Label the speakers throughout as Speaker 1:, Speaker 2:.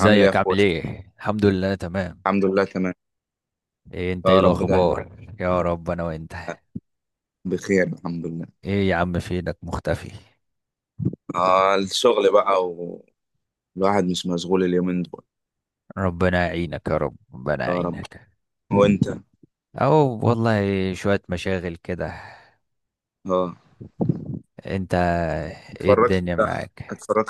Speaker 1: عامل ايه يا اخويا؟
Speaker 2: عامل ايه؟ الحمد لله، تمام.
Speaker 1: الحمد لله، تمام.
Speaker 2: ايه انت، ايه
Speaker 1: يا رب، ده
Speaker 2: الاخبار؟ يا رب، انا وانت.
Speaker 1: بخير، الحمد لله.
Speaker 2: ايه يا عم، فينك مختفي؟
Speaker 1: آه، الشغل بقى، والواحد مش مشغول اليومين دول.
Speaker 2: ربنا يعينك يا رب، ربنا
Speaker 1: يا رب،
Speaker 2: يعينك.
Speaker 1: وانت؟
Speaker 2: او والله، شوية مشاغل كده.
Speaker 1: اه،
Speaker 2: انت؟ ايه
Speaker 1: اتفرجت
Speaker 2: الدنيا معاك؟
Speaker 1: اتفرجت.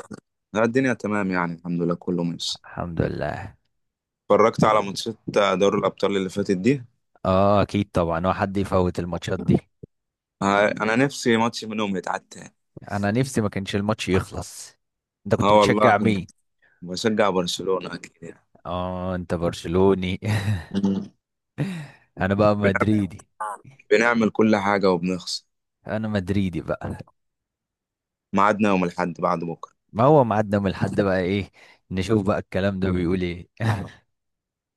Speaker 1: لا، الدنيا تمام يعني، الحمد لله كله ماشي.
Speaker 2: الحمد لله.
Speaker 1: اتفرجت على ماتشات دوري الابطال اللي فاتت دي.
Speaker 2: اه اكيد طبعا، هو حد يفوت الماتشات دي؟
Speaker 1: آه، انا نفسي ماتش منهم يتعاد تاني.
Speaker 2: انا نفسي ما كانش الماتش يخلص. انت كنت
Speaker 1: اه والله،
Speaker 2: بتشجع مين؟
Speaker 1: كنت بشجع برشلونة اكيد يعني.
Speaker 2: اه، انت برشلوني.
Speaker 1: مم.
Speaker 2: انا بقى مدريدي.
Speaker 1: بنعمل كل حاجة وبنخسر.
Speaker 2: انا مدريدي بقى.
Speaker 1: ميعادنا يوم الاحد بعد بكرة.
Speaker 2: ما هو ميعادنا من الحد، بقى ايه؟ نشوف بقى الكلام ده بيقول ايه.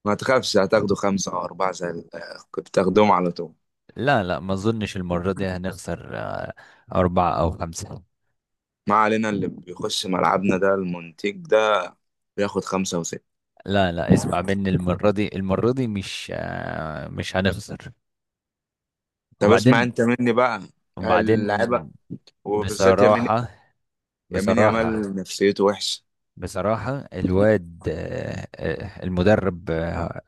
Speaker 1: ما تخافش، هتاخدوا خمسة أو أربعة زي كنت تاخدهم على طول.
Speaker 2: لا لا، ما اظنش المرة دي هنخسر. أربعة أو خمسة.
Speaker 1: ما علينا، اللي بيخش ملعبنا ده المنتج ده بياخد خمسة وستة.
Speaker 2: لا لا، اسمع مني، المرة دي مش هنخسر.
Speaker 1: طب اسمع
Speaker 2: وبعدين.
Speaker 1: انت مني بقى،
Speaker 2: وبعدين
Speaker 1: اللعيبة وبالذات يمين
Speaker 2: بصراحة،
Speaker 1: يمين
Speaker 2: بصراحة
Speaker 1: يامال نفسيته وحشة.
Speaker 2: بصراحة الواد, المدرب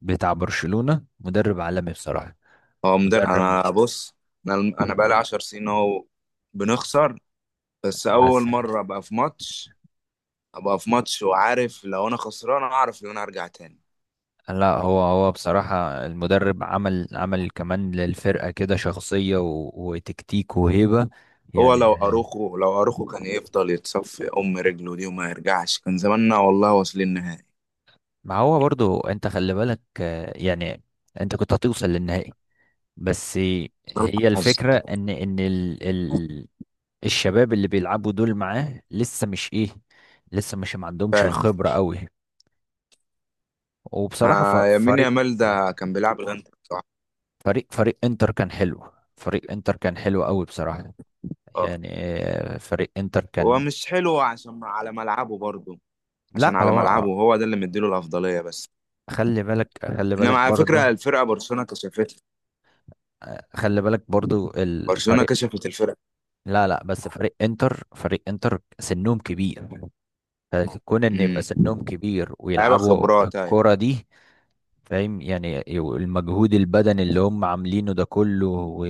Speaker 2: بتاع برشلونة مدرب عالمي بصراحة.
Speaker 1: هو مدرب،
Speaker 2: مدرب.
Speaker 1: انا بص. انا انا بقالي 10 سنين اهو، بنخسر. بس اول
Speaker 2: بس
Speaker 1: مرة ابقى في ماتش وعارف لو انا خسران اعرف ان انا ارجع تاني.
Speaker 2: لا، هو بصراحة المدرب عمل كمان للفرقة كده شخصية وتكتيك وهيبة
Speaker 1: هو لو
Speaker 2: يعني.
Speaker 1: اروخو لو اروخو كان يفضل يتصفي ام رجله دي وما يرجعش، كان زماننا والله واصلين نهائي.
Speaker 2: ما هو برضو، انت خلي بالك, يعني انت كنت هتوصل للنهائي. بس
Speaker 1: صلاح.
Speaker 2: هي
Speaker 1: حظ.
Speaker 2: الفكرة ان ال ال الشباب اللي بيلعبوا دول معاه لسه مش ايه، لسه مش ما عندهمش الخبرة قوي. وبصراحة،
Speaker 1: آه، يمين يامال ده كان بيلعب بجد كويس بصراحة.
Speaker 2: فريق انتر كان حلو. فريق انتر كان حلو قوي بصراحة.
Speaker 1: اه،
Speaker 2: يعني, فريق انتر
Speaker 1: هو
Speaker 2: كان.
Speaker 1: مش حلو عشان على ملعبه برضه. عشان
Speaker 2: لا
Speaker 1: على ملعبه
Speaker 2: هو.
Speaker 1: هو ده اللي مديله الأفضلية بس.
Speaker 2: خلي بالك، خلي
Speaker 1: انما
Speaker 2: بالك
Speaker 1: على فكرة
Speaker 2: برضه
Speaker 1: الفرقة برشلونة كشفتها،
Speaker 2: خلي بالك برضه
Speaker 1: برشلونة
Speaker 2: الفريق.
Speaker 1: كشفت الفرقة.
Speaker 2: لا لا، بس فريق انتر سنهم كبير، فكون ان يبقى
Speaker 1: امم
Speaker 2: سنهم كبير
Speaker 1: لعيبة
Speaker 2: ويلعبوا
Speaker 1: خبرات، ايوه.
Speaker 2: الكرة دي، فاهم؟ يعني المجهود البدني اللي هم عاملينه ده كله، و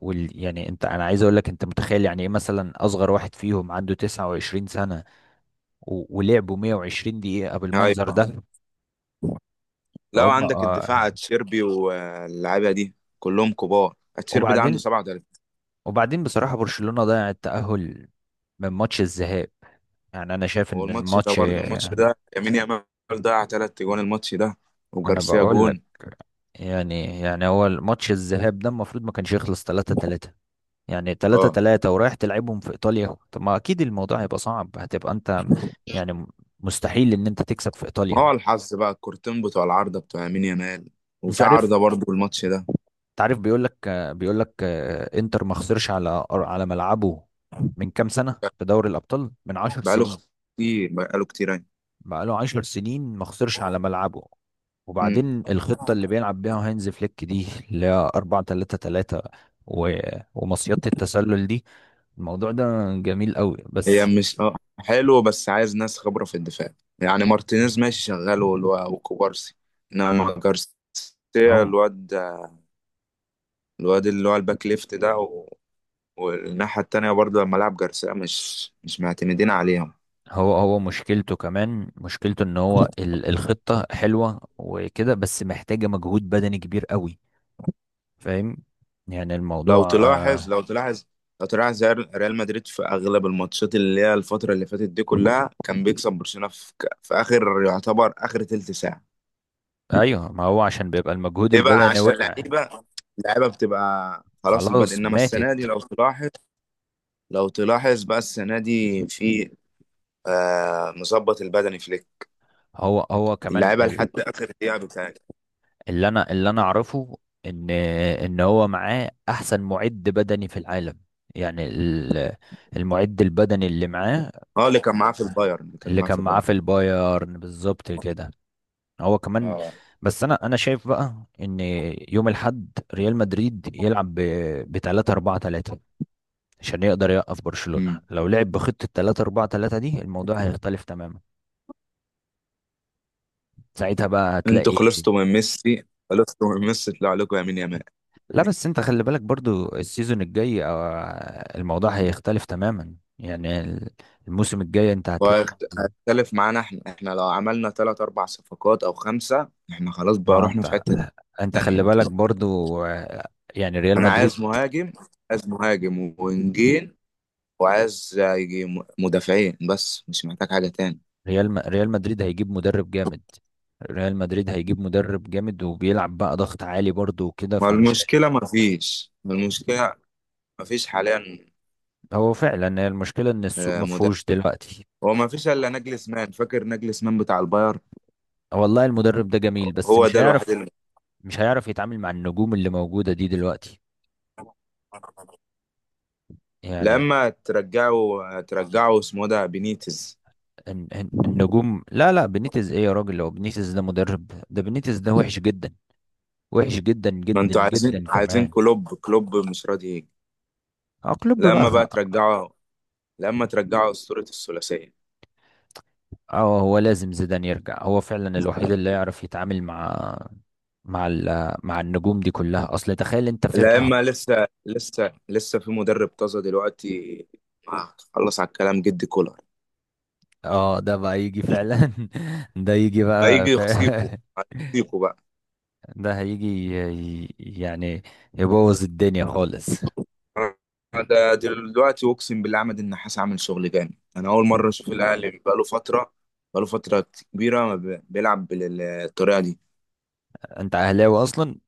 Speaker 2: وال... يعني انا عايز اقول لك، انت متخيل يعني ايه مثلا اصغر واحد فيهم عنده 29 سنة و ولعبوا 120 دقيقة بالمنظر
Speaker 1: ايوه،
Speaker 2: ده،
Speaker 1: لو
Speaker 2: فهم
Speaker 1: عندك الدفاع
Speaker 2: آه،
Speaker 1: اتشيربي واللعيبة دي كلهم كبار، اتشيربي ده عنده
Speaker 2: وبعدين.
Speaker 1: 37.
Speaker 2: بصراحة برشلونة ضيع التأهل من ماتش الذهاب. يعني انا شايف ان
Speaker 1: والماتش ده
Speaker 2: الماتش
Speaker 1: برضه، الماتش
Speaker 2: ما...
Speaker 1: ده يمين يامال ضيع ثلاث جوان الماتش ده،
Speaker 2: انا
Speaker 1: وجارسيا
Speaker 2: بقول لك،
Speaker 1: جون.
Speaker 2: يعني هو الماتش الذهاب ده المفروض ما كانش يخلص 3-3. يعني 3
Speaker 1: اه،
Speaker 2: 3 ورايح تلعبهم في ايطاليا، طب ما اكيد الموضوع هيبقى صعب، هتبقى انت يعني مستحيل ان انت تكسب في
Speaker 1: ما
Speaker 2: ايطاليا.
Speaker 1: هو الحظ بقى، الكورتين بتوع العارضة بتوع يمين يامال،
Speaker 2: انت
Speaker 1: وفي
Speaker 2: عارف
Speaker 1: عارضة برضو الماتش ده.
Speaker 2: انت عارف بيقول لك، انتر ما خسرش على ملعبه من كام سنة في دوري الابطال، من 10
Speaker 1: بقاله
Speaker 2: سنين،
Speaker 1: كتير، بقاله كتير يعني.
Speaker 2: بقاله 10 سنين ما خسرش على ملعبه.
Speaker 1: مم.
Speaker 2: وبعدين الخطة اللي بيلعب بيها هانز فليك دي اللي هي 4-3-3، و... ومصيدة التسلل دي، الموضوع ده جميل قوي
Speaker 1: هي
Speaker 2: بس.
Speaker 1: مش حلو، بس عايز ناس خبرة في الدفاع. يعني مارتينيز ماشي شغال وكوبارسي. انما جارسيا،
Speaker 2: هم
Speaker 1: الواد الواد اللي هو الباك ليفت ده، و... والناحية التانية برضو لما لعب جارسيا مش معتمدين عليهم.
Speaker 2: هو مشكلته كمان، مشكلته ان هو الخطة حلوة وكده، بس محتاجة مجهود بدني كبير قوي، فاهم؟ يعني
Speaker 1: لو
Speaker 2: الموضوع
Speaker 1: تلاحظ
Speaker 2: آه
Speaker 1: لو تلاحظ لو تلاحظ ريال مدريد في اغلب الماتشات اللي هي الفتره اللي فاتت دي كلها كان بيكسب برشلونه في اخر يعتبر اخر تلت ساعه.
Speaker 2: ايوه، ما هو عشان بيبقى المجهود
Speaker 1: ليه بقى؟
Speaker 2: البدني
Speaker 1: عشان
Speaker 2: وقع.
Speaker 1: اللعيبه بتبقى خلاص
Speaker 2: خلاص
Speaker 1: البدء. انما
Speaker 2: ماتت.
Speaker 1: السنه دي لو تلاحظ بقى السنه دي في مظبط البدني فليك،
Speaker 2: هو كمان.
Speaker 1: اللعيبه لحد اخر دقيقه بتاعتها.
Speaker 2: اللي انا اعرفه، ان هو معاه احسن معد بدني في العالم. يعني المعد البدني اللي معاه،
Speaker 1: اه، اللي كان معاه في البايرن، اللي كان
Speaker 2: اللي
Speaker 1: معاه
Speaker 2: كان
Speaker 1: في
Speaker 2: معاه في
Speaker 1: البايرن.
Speaker 2: البايرن بالظبط كده، هو كمان.
Speaker 1: اه.
Speaker 2: بس انا شايف بقى، ان يوم الاحد ريال مدريد يلعب ب 3-4-3 عشان يقدر يوقف برشلونة.
Speaker 1: امم
Speaker 2: لو لعب بخطة 3-4-3 دي، الموضوع هيختلف تماما، ساعتها بقى
Speaker 1: انتوا
Speaker 2: هتلاقي.
Speaker 1: خلصتوا من ميسي، خلصتوا من ميسي، طلع لكم يمين يمال.
Speaker 2: لا بس انت خلي بالك برضو، السيزون الجاي, الموضوع هيختلف تماما، يعني الموسم الجاي انت هتلاقي.
Speaker 1: واختلف معانا احنا، لو عملنا ثلاث اربع صفقات او خمسة احنا خلاص بقى
Speaker 2: ما
Speaker 1: رحنا في
Speaker 2: انت
Speaker 1: حتة
Speaker 2: انت
Speaker 1: تانية.
Speaker 2: خلي بالك برضو, يعني ريال
Speaker 1: انا
Speaker 2: مدريد.
Speaker 1: عايز مهاجم، عايز مهاجم وونجين، وعايز يجي مدافعين بس مش محتاج حاجة تاني.
Speaker 2: ريال مدريد هيجيب مدرب جامد. ريال مدريد هيجيب مدرب جامد، وبيلعب بقى ضغط عالي برضو وكده،
Speaker 1: والمشكلة ما فيش، المشكلة ما فيش حاليا.
Speaker 2: هو فعلا هي المشكلة ان السوق ما
Speaker 1: مدافع.
Speaker 2: فيهوش دلوقتي.
Speaker 1: هو ما فيش الا نجلسمان، فاكر نجلسمان بتاع الباير؟
Speaker 2: والله المدرب ده جميل، بس
Speaker 1: هو ده الوحيد اللي...
Speaker 2: مش هيعرف يتعامل مع النجوم اللي موجودة دي دلوقتي، يعني
Speaker 1: لما ترجعوا اسمه ده بينيتز.
Speaker 2: النجوم. لا لا، بنيتز ايه يا راجل؟ هو بنيتز ده مدرب؟ ده بنيتز ده وحش جدا، وحش جدا
Speaker 1: ما
Speaker 2: جدا
Speaker 1: انتوا عايزين
Speaker 2: جدا
Speaker 1: عايزين
Speaker 2: كمان.
Speaker 1: كلوب، كلوب مش راضي يجي.
Speaker 2: اه، كلوب بقى.
Speaker 1: لما بقى ترجعه لما ترجعه أسطورة الثلاثية.
Speaker 2: اه، هو لازم زيدان يرجع، هو فعلا الوحيد اللي يعرف يتعامل مع مع النجوم دي كلها. اصل تخيل انت فرقة.
Speaker 1: لما لسه لسه لسه في مدرب طازة دلوقتي. خلص على الكلام جدي كولر.
Speaker 2: اه، ده بقى يجي فعلا. ده يجي بقى
Speaker 1: هيجي
Speaker 2: ف...
Speaker 1: يخصيكوا، هيخصيكوا بقى.
Speaker 2: ده هيجي، يعني يبوظ الدنيا خالص.
Speaker 1: أنا ده دلوقتي أقسم بالله، عماد النحاس عامل شغل جامد. أنا أول مرة أشوف الأهلي بقاله فترة كبيرة ما بيلعب بالطريقة دي.
Speaker 2: انت اهلاوي اصلا.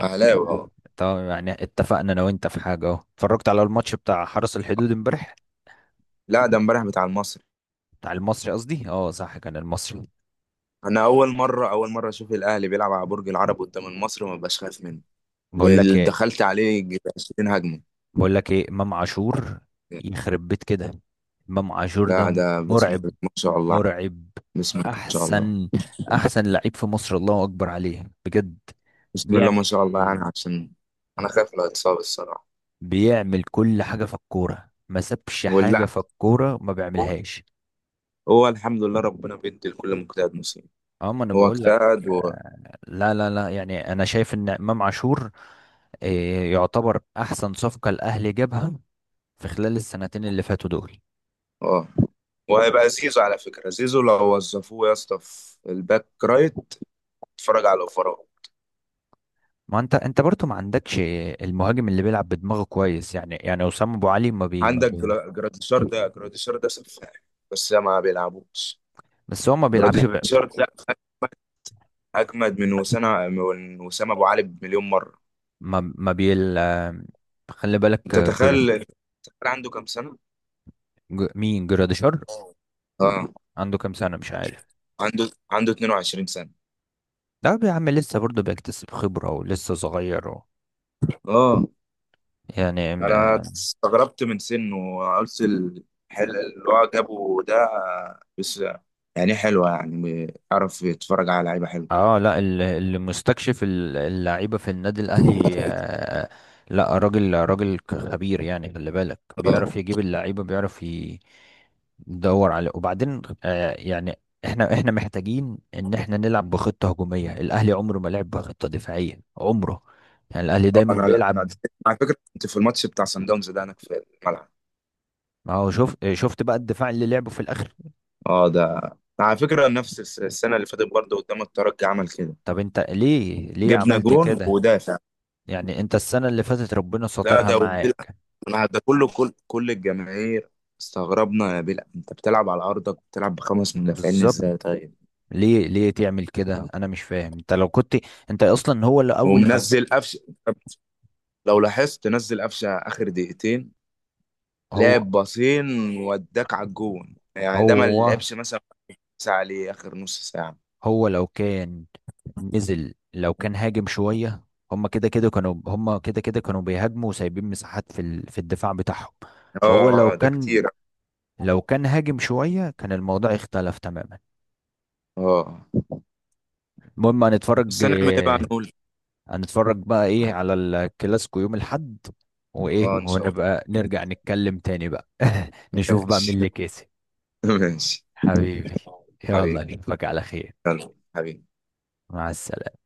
Speaker 1: أهلاوي أهو.
Speaker 2: طب يعني اتفقنا انا وانت في حاجه اهو، اتفرجت على الماتش بتاع حرس الحدود امبارح؟
Speaker 1: لا، ده امبارح بتاع المصري.
Speaker 2: بتاع المصري قصدي، اه صح كان المصري.
Speaker 1: أنا أول مرة أشوف الأهلي بيلعب على برج العرب قدام المصري وما بقاش خايف منه.
Speaker 2: بقول لك
Speaker 1: اللي
Speaker 2: ايه،
Speaker 1: دخلت عليه 20 هجمة.
Speaker 2: امام عاشور يخرب بيت كده! امام عاشور
Speaker 1: لا،
Speaker 2: ده
Speaker 1: ده بسم
Speaker 2: مرعب،
Speaker 1: الله ما شاء الله،
Speaker 2: مرعب.
Speaker 1: بسم الله ما شاء الله،
Speaker 2: احسن، لعيب في مصر، الله اكبر عليه بجد.
Speaker 1: بسم الله ما شاء الله يعني،
Speaker 2: بيعمل
Speaker 1: عشان انا خايف لو اتصاب الصراحة.
Speaker 2: بيعمل كل حاجه في الكوره، ما سابش حاجه
Speaker 1: ولا،
Speaker 2: في الكوره ما
Speaker 1: هو
Speaker 2: بيعملش.
Speaker 1: هو الحمد لله ربنا بيدي لكل مجتهد نصيب.
Speaker 2: اه ما انا
Speaker 1: هو
Speaker 2: بقول لك.
Speaker 1: اجتهد و...
Speaker 2: لا لا لا، يعني انا شايف ان امام عاشور, يعتبر احسن صفقة الاهلي جابها في خلال السنتين اللي فاتوا دول.
Speaker 1: اه، وهيبقى زيزو. على فكرة زيزو لو وظفوه يا اسطى في الباك رايت، اتفرج على الاوفرات.
Speaker 2: ما انت برضو ما عندكش المهاجم اللي بيلعب بدماغه كويس، يعني، وسام ابو علي ما بي ما
Speaker 1: عندك
Speaker 2: بي
Speaker 1: جراديشار ده، جراديشار ده سفاح، بس ما بيلعبوش.
Speaker 2: بس هو ما بيلعبش.
Speaker 1: جراديشار ده اجمد من وسام ابو علي بمليون مرة.
Speaker 2: ما ما بيل آه، خلي بالك
Speaker 1: انت
Speaker 2: آه،
Speaker 1: تخيل، عنده كام سنة؟
Speaker 2: مين جراديشار؟
Speaker 1: اه،
Speaker 2: عنده كام سنة؟ مش عارف.
Speaker 1: عنده 22 سنة.
Speaker 2: ده يا عم لسه برضه بيكتسب خبرة، ولسه صغير,
Speaker 1: اه،
Speaker 2: يعني.
Speaker 1: انا استغربت من سنه، وقلت الحل اللي هو جابه ده بس. يعني حلوة يعني، عرف يتفرج على لعيبة حلوة.
Speaker 2: اه، لا اللي مستكشف اللعيبه في النادي الاهلي, لا راجل خبير، يعني خلي بالك بيعرف
Speaker 1: اه،
Speaker 2: يجيب اللعيبه، بيعرف يدور على. وبعدين, يعني احنا محتاجين ان احنا نلعب بخطه هجوميه. الاهلي عمره ما لعب بخطه دفاعيه، عمره، يعني الاهلي
Speaker 1: اه،
Speaker 2: دايما
Speaker 1: انا
Speaker 2: بيلعب.
Speaker 1: على فكرة كنت في الماتش بتاع سان داونز ده هناك في الملعب.
Speaker 2: ما هو شوف، شفت بقى الدفاع اللي لعبه في الاخر؟
Speaker 1: اه، ده على فكرة نفس السنة اللي فاتت برضه قدام الترجي، عمل كده.
Speaker 2: طب انت ليه،
Speaker 1: جبنا
Speaker 2: عملت
Speaker 1: جون
Speaker 2: كده؟
Speaker 1: ودافع.
Speaker 2: يعني انت السنه اللي فاتت ربنا
Speaker 1: لا،
Speaker 2: سترها
Speaker 1: ده
Speaker 2: معاك
Speaker 1: انا ده كله، كل الجماهير استغربنا، يا بلا انت بتلعب على ارضك بتلعب بخمس مدافعين
Speaker 2: بالظبط.
Speaker 1: ازاي؟ طيب.
Speaker 2: ليه، تعمل كده؟ انا مش فاهم. انت لو كنت، انت اصلا هو اللي اول ما...
Speaker 1: ومنزل قفشه. لو لاحظت، نزل قفشه اخر دقيقتين،
Speaker 2: هو
Speaker 1: لعب باصين وداك على الجون يعني، ده ما
Speaker 2: هو
Speaker 1: لعبش مثلا ساعه عليه اخر نص ساعه.
Speaker 2: هو لو كان نزل، لو كان هاجم شوية. هما كده كده كانوا بيهاجموا، وسايبين مساحات في الدفاع بتاعهم. فهو لو
Speaker 1: اه، اه، ده
Speaker 2: كان،
Speaker 1: كتير.
Speaker 2: لو كان هاجم شوية كان الموضوع اختلف تماما.
Speaker 1: اه،
Speaker 2: المهم هنتفرج
Speaker 1: بس هنعمل ايه بقى
Speaker 2: آه،
Speaker 1: نقول؟
Speaker 2: هنتفرج بقى ايه على الكلاسيكو يوم الحد،
Speaker 1: اه،
Speaker 2: وايه
Speaker 1: ان شاء الله.
Speaker 2: ونبقى نرجع نتكلم تاني بقى. نشوف بقى
Speaker 1: ماشي.
Speaker 2: مين اللي كسب.
Speaker 1: ماشي،
Speaker 2: حبيبي، يلا
Speaker 1: حبيبي.
Speaker 2: نشوفك على خير.
Speaker 1: يلا حبيبي.
Speaker 2: مع السلامة.